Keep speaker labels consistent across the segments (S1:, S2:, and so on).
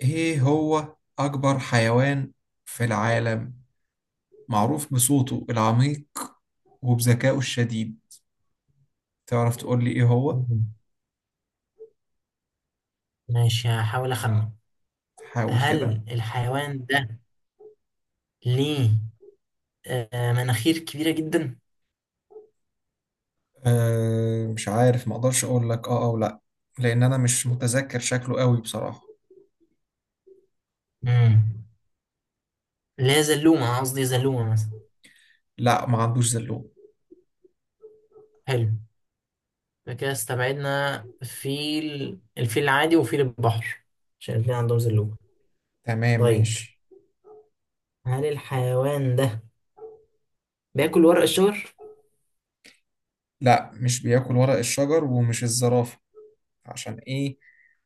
S1: ايه هو اكبر حيوان في العالم، معروف بصوته العميق وبذكائه الشديد. تعرف تقول لي ايه هو؟
S2: مم. ماشي هحاول أخمن
S1: حاول كده.
S2: هل الحيوان ده ليه مناخير كبيرة جدا؟
S1: أه، مش عارف، ما اقدرش اقول لك اه او لا، لان انا مش متذكر شكله قوي بصراحة.
S2: مم. اللي هي زلومة قصدي زلومة مثلا.
S1: لا، ما عندوش زلوم.
S2: حلو. فكده استبعدنا فيل، الفيل العادي وفيل البحر، عشان الاتنين عندهم زلومة.
S1: تمام
S2: طيب،
S1: ماشي.
S2: هل الحيوان ده بياكل ورق الشجر؟
S1: لا، مش بياكل ورق الشجر، ومش الزرافة. عشان ايه؟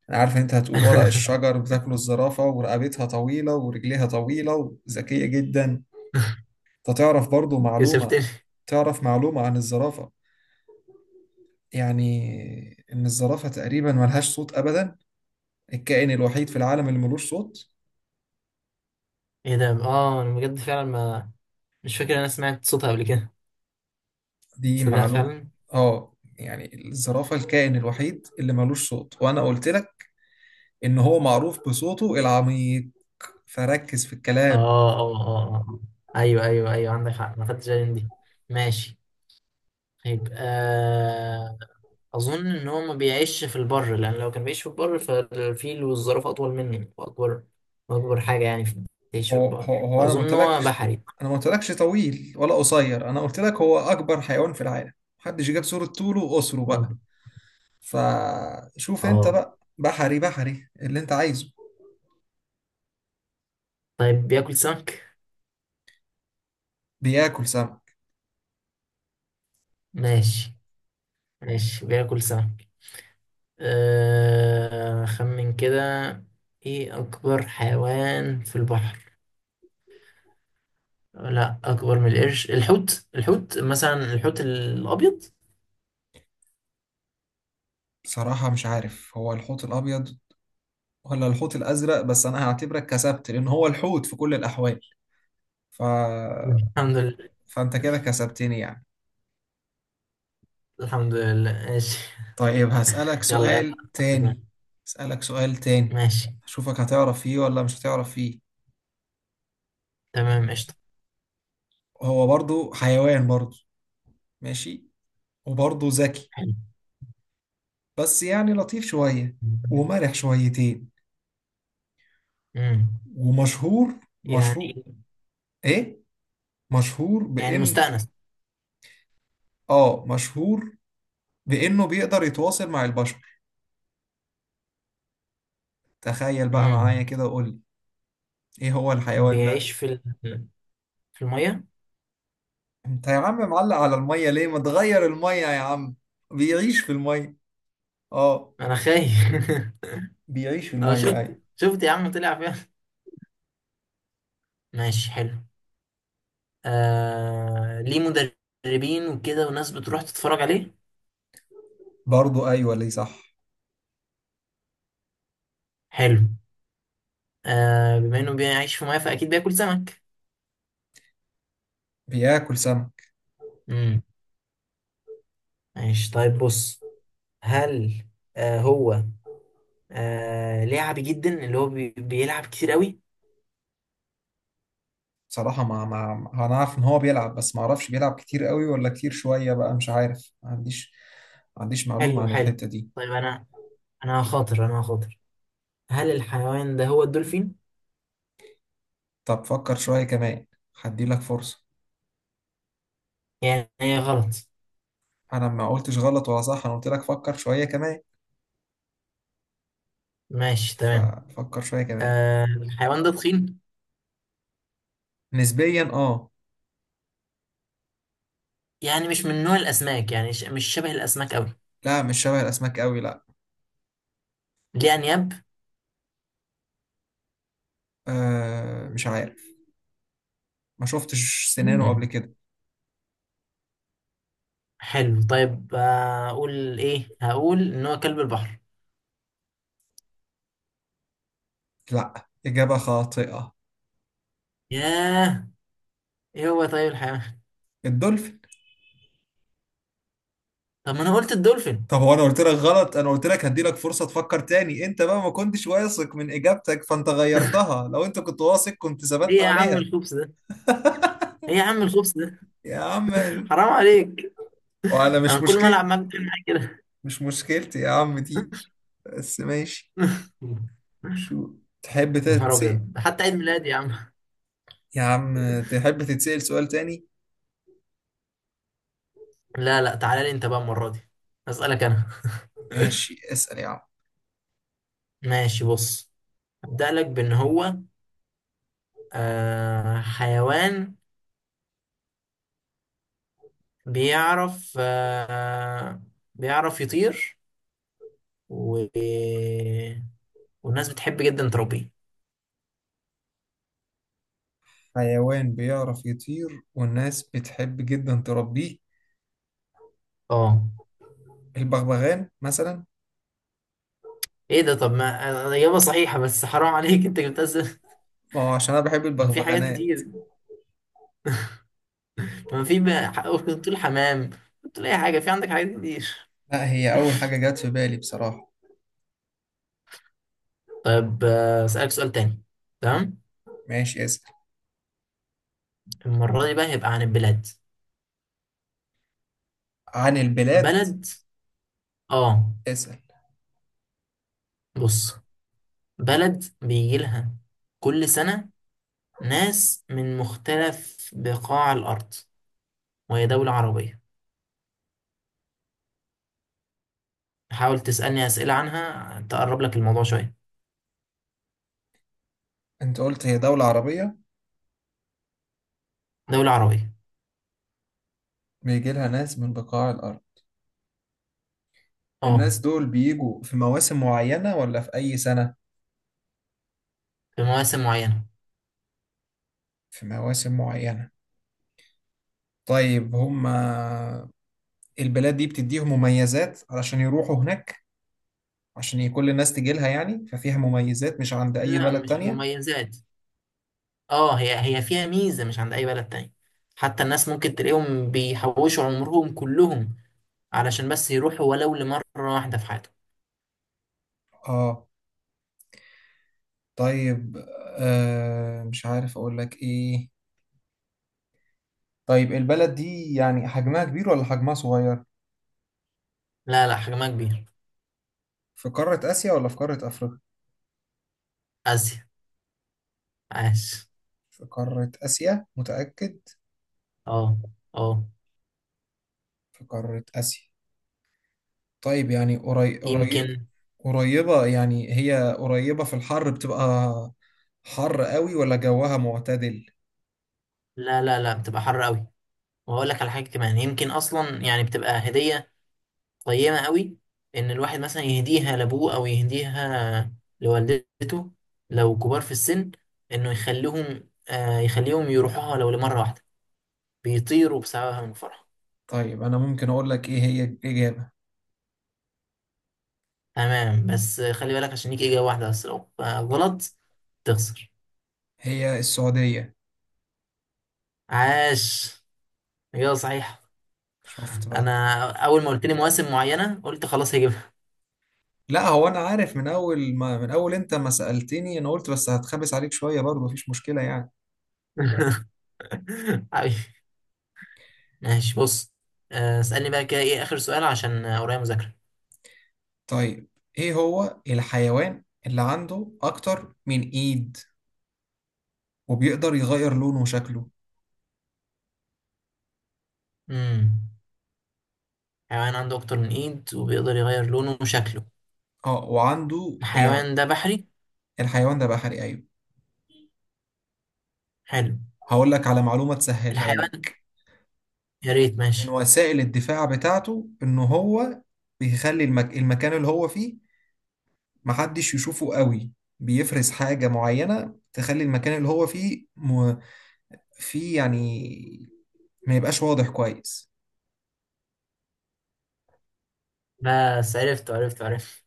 S1: انا عارف إن انت هتقول ورق الشجر بتاكله الزرافة، ورقبتها طويلة ورجليها طويلة وذكية جدا. انت تعرف برضو معلومة؟
S2: كسفتني.
S1: تعرف معلومة عن الزرافة؟ يعني إن الزرافة تقريبا ملهاش صوت أبدا، الكائن الوحيد في العالم اللي ملوش صوت.
S2: ايه ده؟ اه انا بجد فعلا ما مش فاكر إن انا سمعت صوتها قبل كده.
S1: دي
S2: تصدق
S1: معلومة.
S2: فعلا.
S1: آه، يعني الزرافة الكائن الوحيد اللي ملوش صوت، وأنا قلت لك إن هو معروف بصوته العميق، فركز في
S2: اه
S1: الكلام.
S2: اه آه. ايوه ايوه ايوه، عندك حق ما خدتش بالي من دي. ماشي. طيب آه، اظن ان هو ما بيعيش في البر، لان لو كان بيعيش في البر فالفيل والزرافه اطول مني واكبر، واكبر حاجه يعني في بيعيش في
S1: هو هو,
S2: البر،
S1: هو أنا ما
S2: فاظن ان هو
S1: قلتلكش،
S2: بحري.
S1: أنا ما قلتلكش طويل ولا قصير، أنا قلت لك هو أكبر حيوان في العالم. محدش جاب صورة طوله وقصره
S2: اه
S1: بقى، فشوف انت
S2: آه.
S1: بقى بحري. بحري اللي انت عايزه؟
S2: طيب بياكل سمك.
S1: بياكل سمك.
S2: ماشي ماشي، بياكل سمك. آه خمن كده، ايه اكبر حيوان في البحر. لا، اكبر من القرش، الحوت مثلا، الحوت الابيض.
S1: بصراحة مش عارف هو الحوت الأبيض ولا الحوت الأزرق، بس أنا هعتبرك كسبت، لأن هو الحوت في كل الأحوال. ف...
S2: الحمد لله.
S1: فأنت كده كسبتني يعني.
S2: الحمد لله، ماشي.
S1: طيب هسألك
S2: يلا
S1: سؤال
S2: يلا.
S1: تاني. هسألك سؤال تاني،
S2: ماشي
S1: أشوفك هتعرف فيه ولا مش هتعرف فيه.
S2: تمام، قشطة.
S1: هو برضو حيوان برضو، ماشي، وبرضو ذكي،
S2: حلو.
S1: بس يعني لطيف شوية ومرح شويتين،
S2: امم.
S1: ومشهور.
S2: يعني،
S1: مشهور. إيه؟ مشهور
S2: يعني
S1: بإن...
S2: مستأنس.
S1: آه، مشهور بإنه بيقدر يتواصل مع البشر. تخيل بقى معايا
S2: امم.
S1: كده وقول لي إيه هو الحيوان
S2: بيعيش
S1: ده.
S2: في في المية.
S1: أنت يا عم معلق على المية ليه؟ ما تغير المية يا عم. بيعيش في المية. آه،
S2: انا خايف.
S1: بيعيش في
S2: انا
S1: المية أيوة.
S2: شفت يا عم، طلع فيها. ماشي حلو. آه، ليه مدربين وكده، وناس بتروح تتفرج عليه.
S1: برضه أيوة، ليه صح.
S2: حلو. آه، بما انه بيعيش في مية فاكيد بياكل سمك.
S1: بياكل سمك.
S2: مم. ماشي طيب، بص، هل آه هو آه لعبي جدا، اللي هو بيلعب كتير قوي.
S1: بصراحة ما أنا عارف إن هو بيلعب، بس ما أعرفش بيلعب كتير قوي ولا كتير شوية بقى، مش عارف، ما عنديش، ما عنديش معلومة
S2: حلو
S1: عن
S2: حلو.
S1: الحتة دي.
S2: طيب انا، انا هخاطر، هل الحيوان ده هو الدولفين؟
S1: طب فكر شوية كمان، هديلك فرصة.
S2: يعني هي غلط.
S1: انا ما قلتش غلط ولا صح، انا قلت لك فكر شويه كمان،
S2: ماشي تمام.
S1: ففكر شويه كمان.
S2: آه، الحيوان ده تخين،
S1: نسبيا اه.
S2: يعني مش من نوع الاسماك، يعني مش شبه الاسماك قوي.
S1: لا، مش شبه الاسماك قوي، لا.
S2: ليه انياب.
S1: آه مش عارف، ما شفتش سنانه قبل
S2: مم.
S1: كده.
S2: حلو طيب، اقول ايه، هقول ان هو كلب البحر.
S1: لا، اجابه خاطئه.
S2: ياه. ايه هو طيب الحيوان؟
S1: الدولفين.
S2: طب ما انا قلت الدولفين.
S1: طب هو انا قلت لك غلط؟ انا قلت لك هدي لك فرصه تفكر تاني، انت بقى ما كنتش واثق من اجابتك فانت غيرتها، لو انت كنت واثق كنت ثبت
S2: ايه يا عم
S1: عليها.
S2: الخبز ده، ايه يا عم الخبز ده،
S1: يا عم.
S2: حرام عليك.
S1: وانا
S2: انا
S1: مش
S2: كل ما
S1: مشكلة،
S2: العب معاك بتعمل معايا كده.
S1: مش مشكلتي يا عم دي، بس ماشي. شو تحب
S2: يا نهار
S1: تتسأل
S2: ابيض، حتى عيد ميلادي يا عم.
S1: يا عم؟ تحب تتسأل سؤال تاني؟
S2: لا لا، تعالى لي انت بقى المره دي، اسالك انا.
S1: ماشي، اسأل يا عم.
S2: ماشي بص، ابدا لك بان هو آه حيوان بيعرف بيعرف يطير، و... والناس بتحب جدا تربيه.
S1: حيوان بيعرف يطير والناس بتحب جدا تربيه؟
S2: اه.
S1: البغبغان مثلا.
S2: ايه ده، طب ما آه، اجابه صحيحه، بس حرام عليك، انت جبتها ازاي؟
S1: ما هو عشان انا بحب
S2: ما في حاجات
S1: البغبغانات.
S2: كتير، ما في بقى ممكن تقول حمام، تقول أي حاجة، في عندك حاجات كتير.
S1: لا، هي اول حاجة جت في بالي بصراحة.
S2: طيب آه، أسألك سؤال تاني. تمام.
S1: ماشي اسأل.
S2: المرة دي بقى هيبقى عن البلاد،
S1: عن البلاد.
S2: بلد. آه.
S1: اسأل.
S2: بص، بلد بيجي لها كل سنة ناس من مختلف بقاع الأرض، وهي دولة عربية. حاول تسألني أسئلة عنها تقرب لك الموضوع شوية.
S1: انت قلت هي دولة عربية،
S2: دولة عربية.
S1: بيجي لها ناس من بقاع الارض.
S2: آه.
S1: الناس دول بيجوا في مواسم معينة ولا في أي سنة؟
S2: في مواسم معينة.
S1: في مواسم معينة. طيب هما البلاد دي بتديهم مميزات علشان يروحوا هناك؟ عشان كل الناس تجي لها يعني، ففيها مميزات مش عند أي
S2: لا
S1: بلد
S2: مش
S1: تانية.
S2: مميزات، اه، هي فيها ميزة مش عند أي بلد تاني. حتى الناس ممكن تلاقيهم بيحوشوا عمرهم كلهم علشان بس يروحوا ولو لمرة واحدة في حياتهم.
S1: اه. طيب آه، مش عارف أقول لك إيه. طيب البلد دي يعني حجمها كبير ولا حجمها صغير؟
S2: لا لا، حجمها كبير.
S1: في قارة آسيا ولا في قارة أفريقيا؟
S2: آسيا. عاش.
S1: في قارة آسيا متأكد؟
S2: اه. اه.
S1: في قارة آسيا. طيب يعني قريب قريب.
S2: يمكن.
S1: قريبة يعني، هي قريبة، في الحر بتبقى حر قوي ولا جوها معتدل؟
S2: لا لا لا، بتبقى حر قوي. وهقول لك على حاجة كمان، يمكن أصلا يعني بتبقى هدية قيمة قوي، إن الواحد مثلا يهديها لأبوه أو يهديها لوالدته، لو كبار في السن، إنه يخليهم يخليهم يروحوها لو لمرة واحدة، بيطيروا بسببها من الفرحة.
S1: طيب أنا ممكن أقول لك إيه هي الإجابة؟
S2: تمام، بس خلي بالك عشان ليك إجابة واحدة بس، لو غلط تخسر.
S1: هي السعودية.
S2: عاش، إجابة صحيحة.
S1: شفت بقى.
S2: أنا أول ما قلت لي مواسم معينة قلت خلاص هجيبها.
S1: لا هو أنا عارف من أول ما، من أول أنت ما سألتني أنا قلت، بس هتخبس عليك شوية برضه مفيش مشكلة يعني.
S2: حبيبي. ماشي بص، آه، اسألني بقى كده إيه آخر سؤال، عشان آه، ورايا مذاكرة.
S1: طيب إيه هو الحيوان اللي عنده أكتر من إيد وبيقدر يغير لونه وشكله؟
S2: امم، حيوان عنده أكتر من إيد وبيقدر يغير لونه وشكله.
S1: أه وعنده يعني.
S2: الحيوان ده بحري.
S1: الحيوان ده بحري أيوه.
S2: حلو.
S1: هقول لك على معلومة تسهلها
S2: الحيوان،
S1: لك.
S2: يا ريت
S1: من
S2: ماشي.
S1: وسائل الدفاع بتاعته ان هو بيخلي المكان اللي هو فيه محدش يشوفه قوي، بيفرز حاجة معينة تخلي المكان اللي هو فيه فيه يعني ما يبقاش واضح كويس.
S2: بس عرفت عرفت عرفت،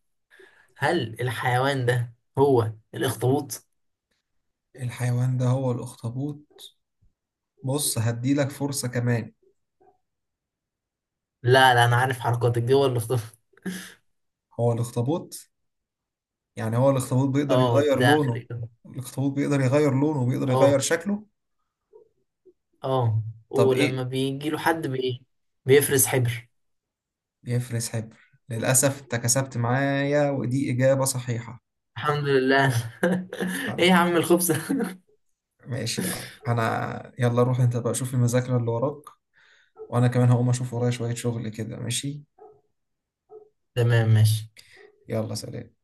S2: هل الحيوان ده هو الأخطبوط؟
S1: الحيوان ده هو الأخطبوط. بص هديلك فرصة كمان.
S2: لا لا، انا عارف حركاتك دي، هو اللي اختار.
S1: هو الأخطبوط. يعني هو الأخطبوط بيقدر
S2: اه،
S1: يغير
S2: ده اخر
S1: لونه،
S2: إجابة.
S1: الأخطبوط بيقدر يغير لونه وبيقدر يغير
S2: اه.
S1: شكله.
S2: اه.
S1: طب
S2: ولما
S1: ايه؟
S2: بيجي له حد بايه، بيفرز حبر.
S1: يفرس حبر. للأسف أنت كسبت معايا، ودي إجابة صحيحة.
S2: الحمد لله.
S1: الحمد
S2: ايه يا عم
S1: لله.
S2: الخبز.
S1: ماشي يا عم، أنا يلا روح أنت بقى شوف المذاكرة اللي وراك، وأنا كمان هقوم أشوف ورايا شوية شغل كده. ماشي.
S2: تمام ماشي.
S1: يلا سلام.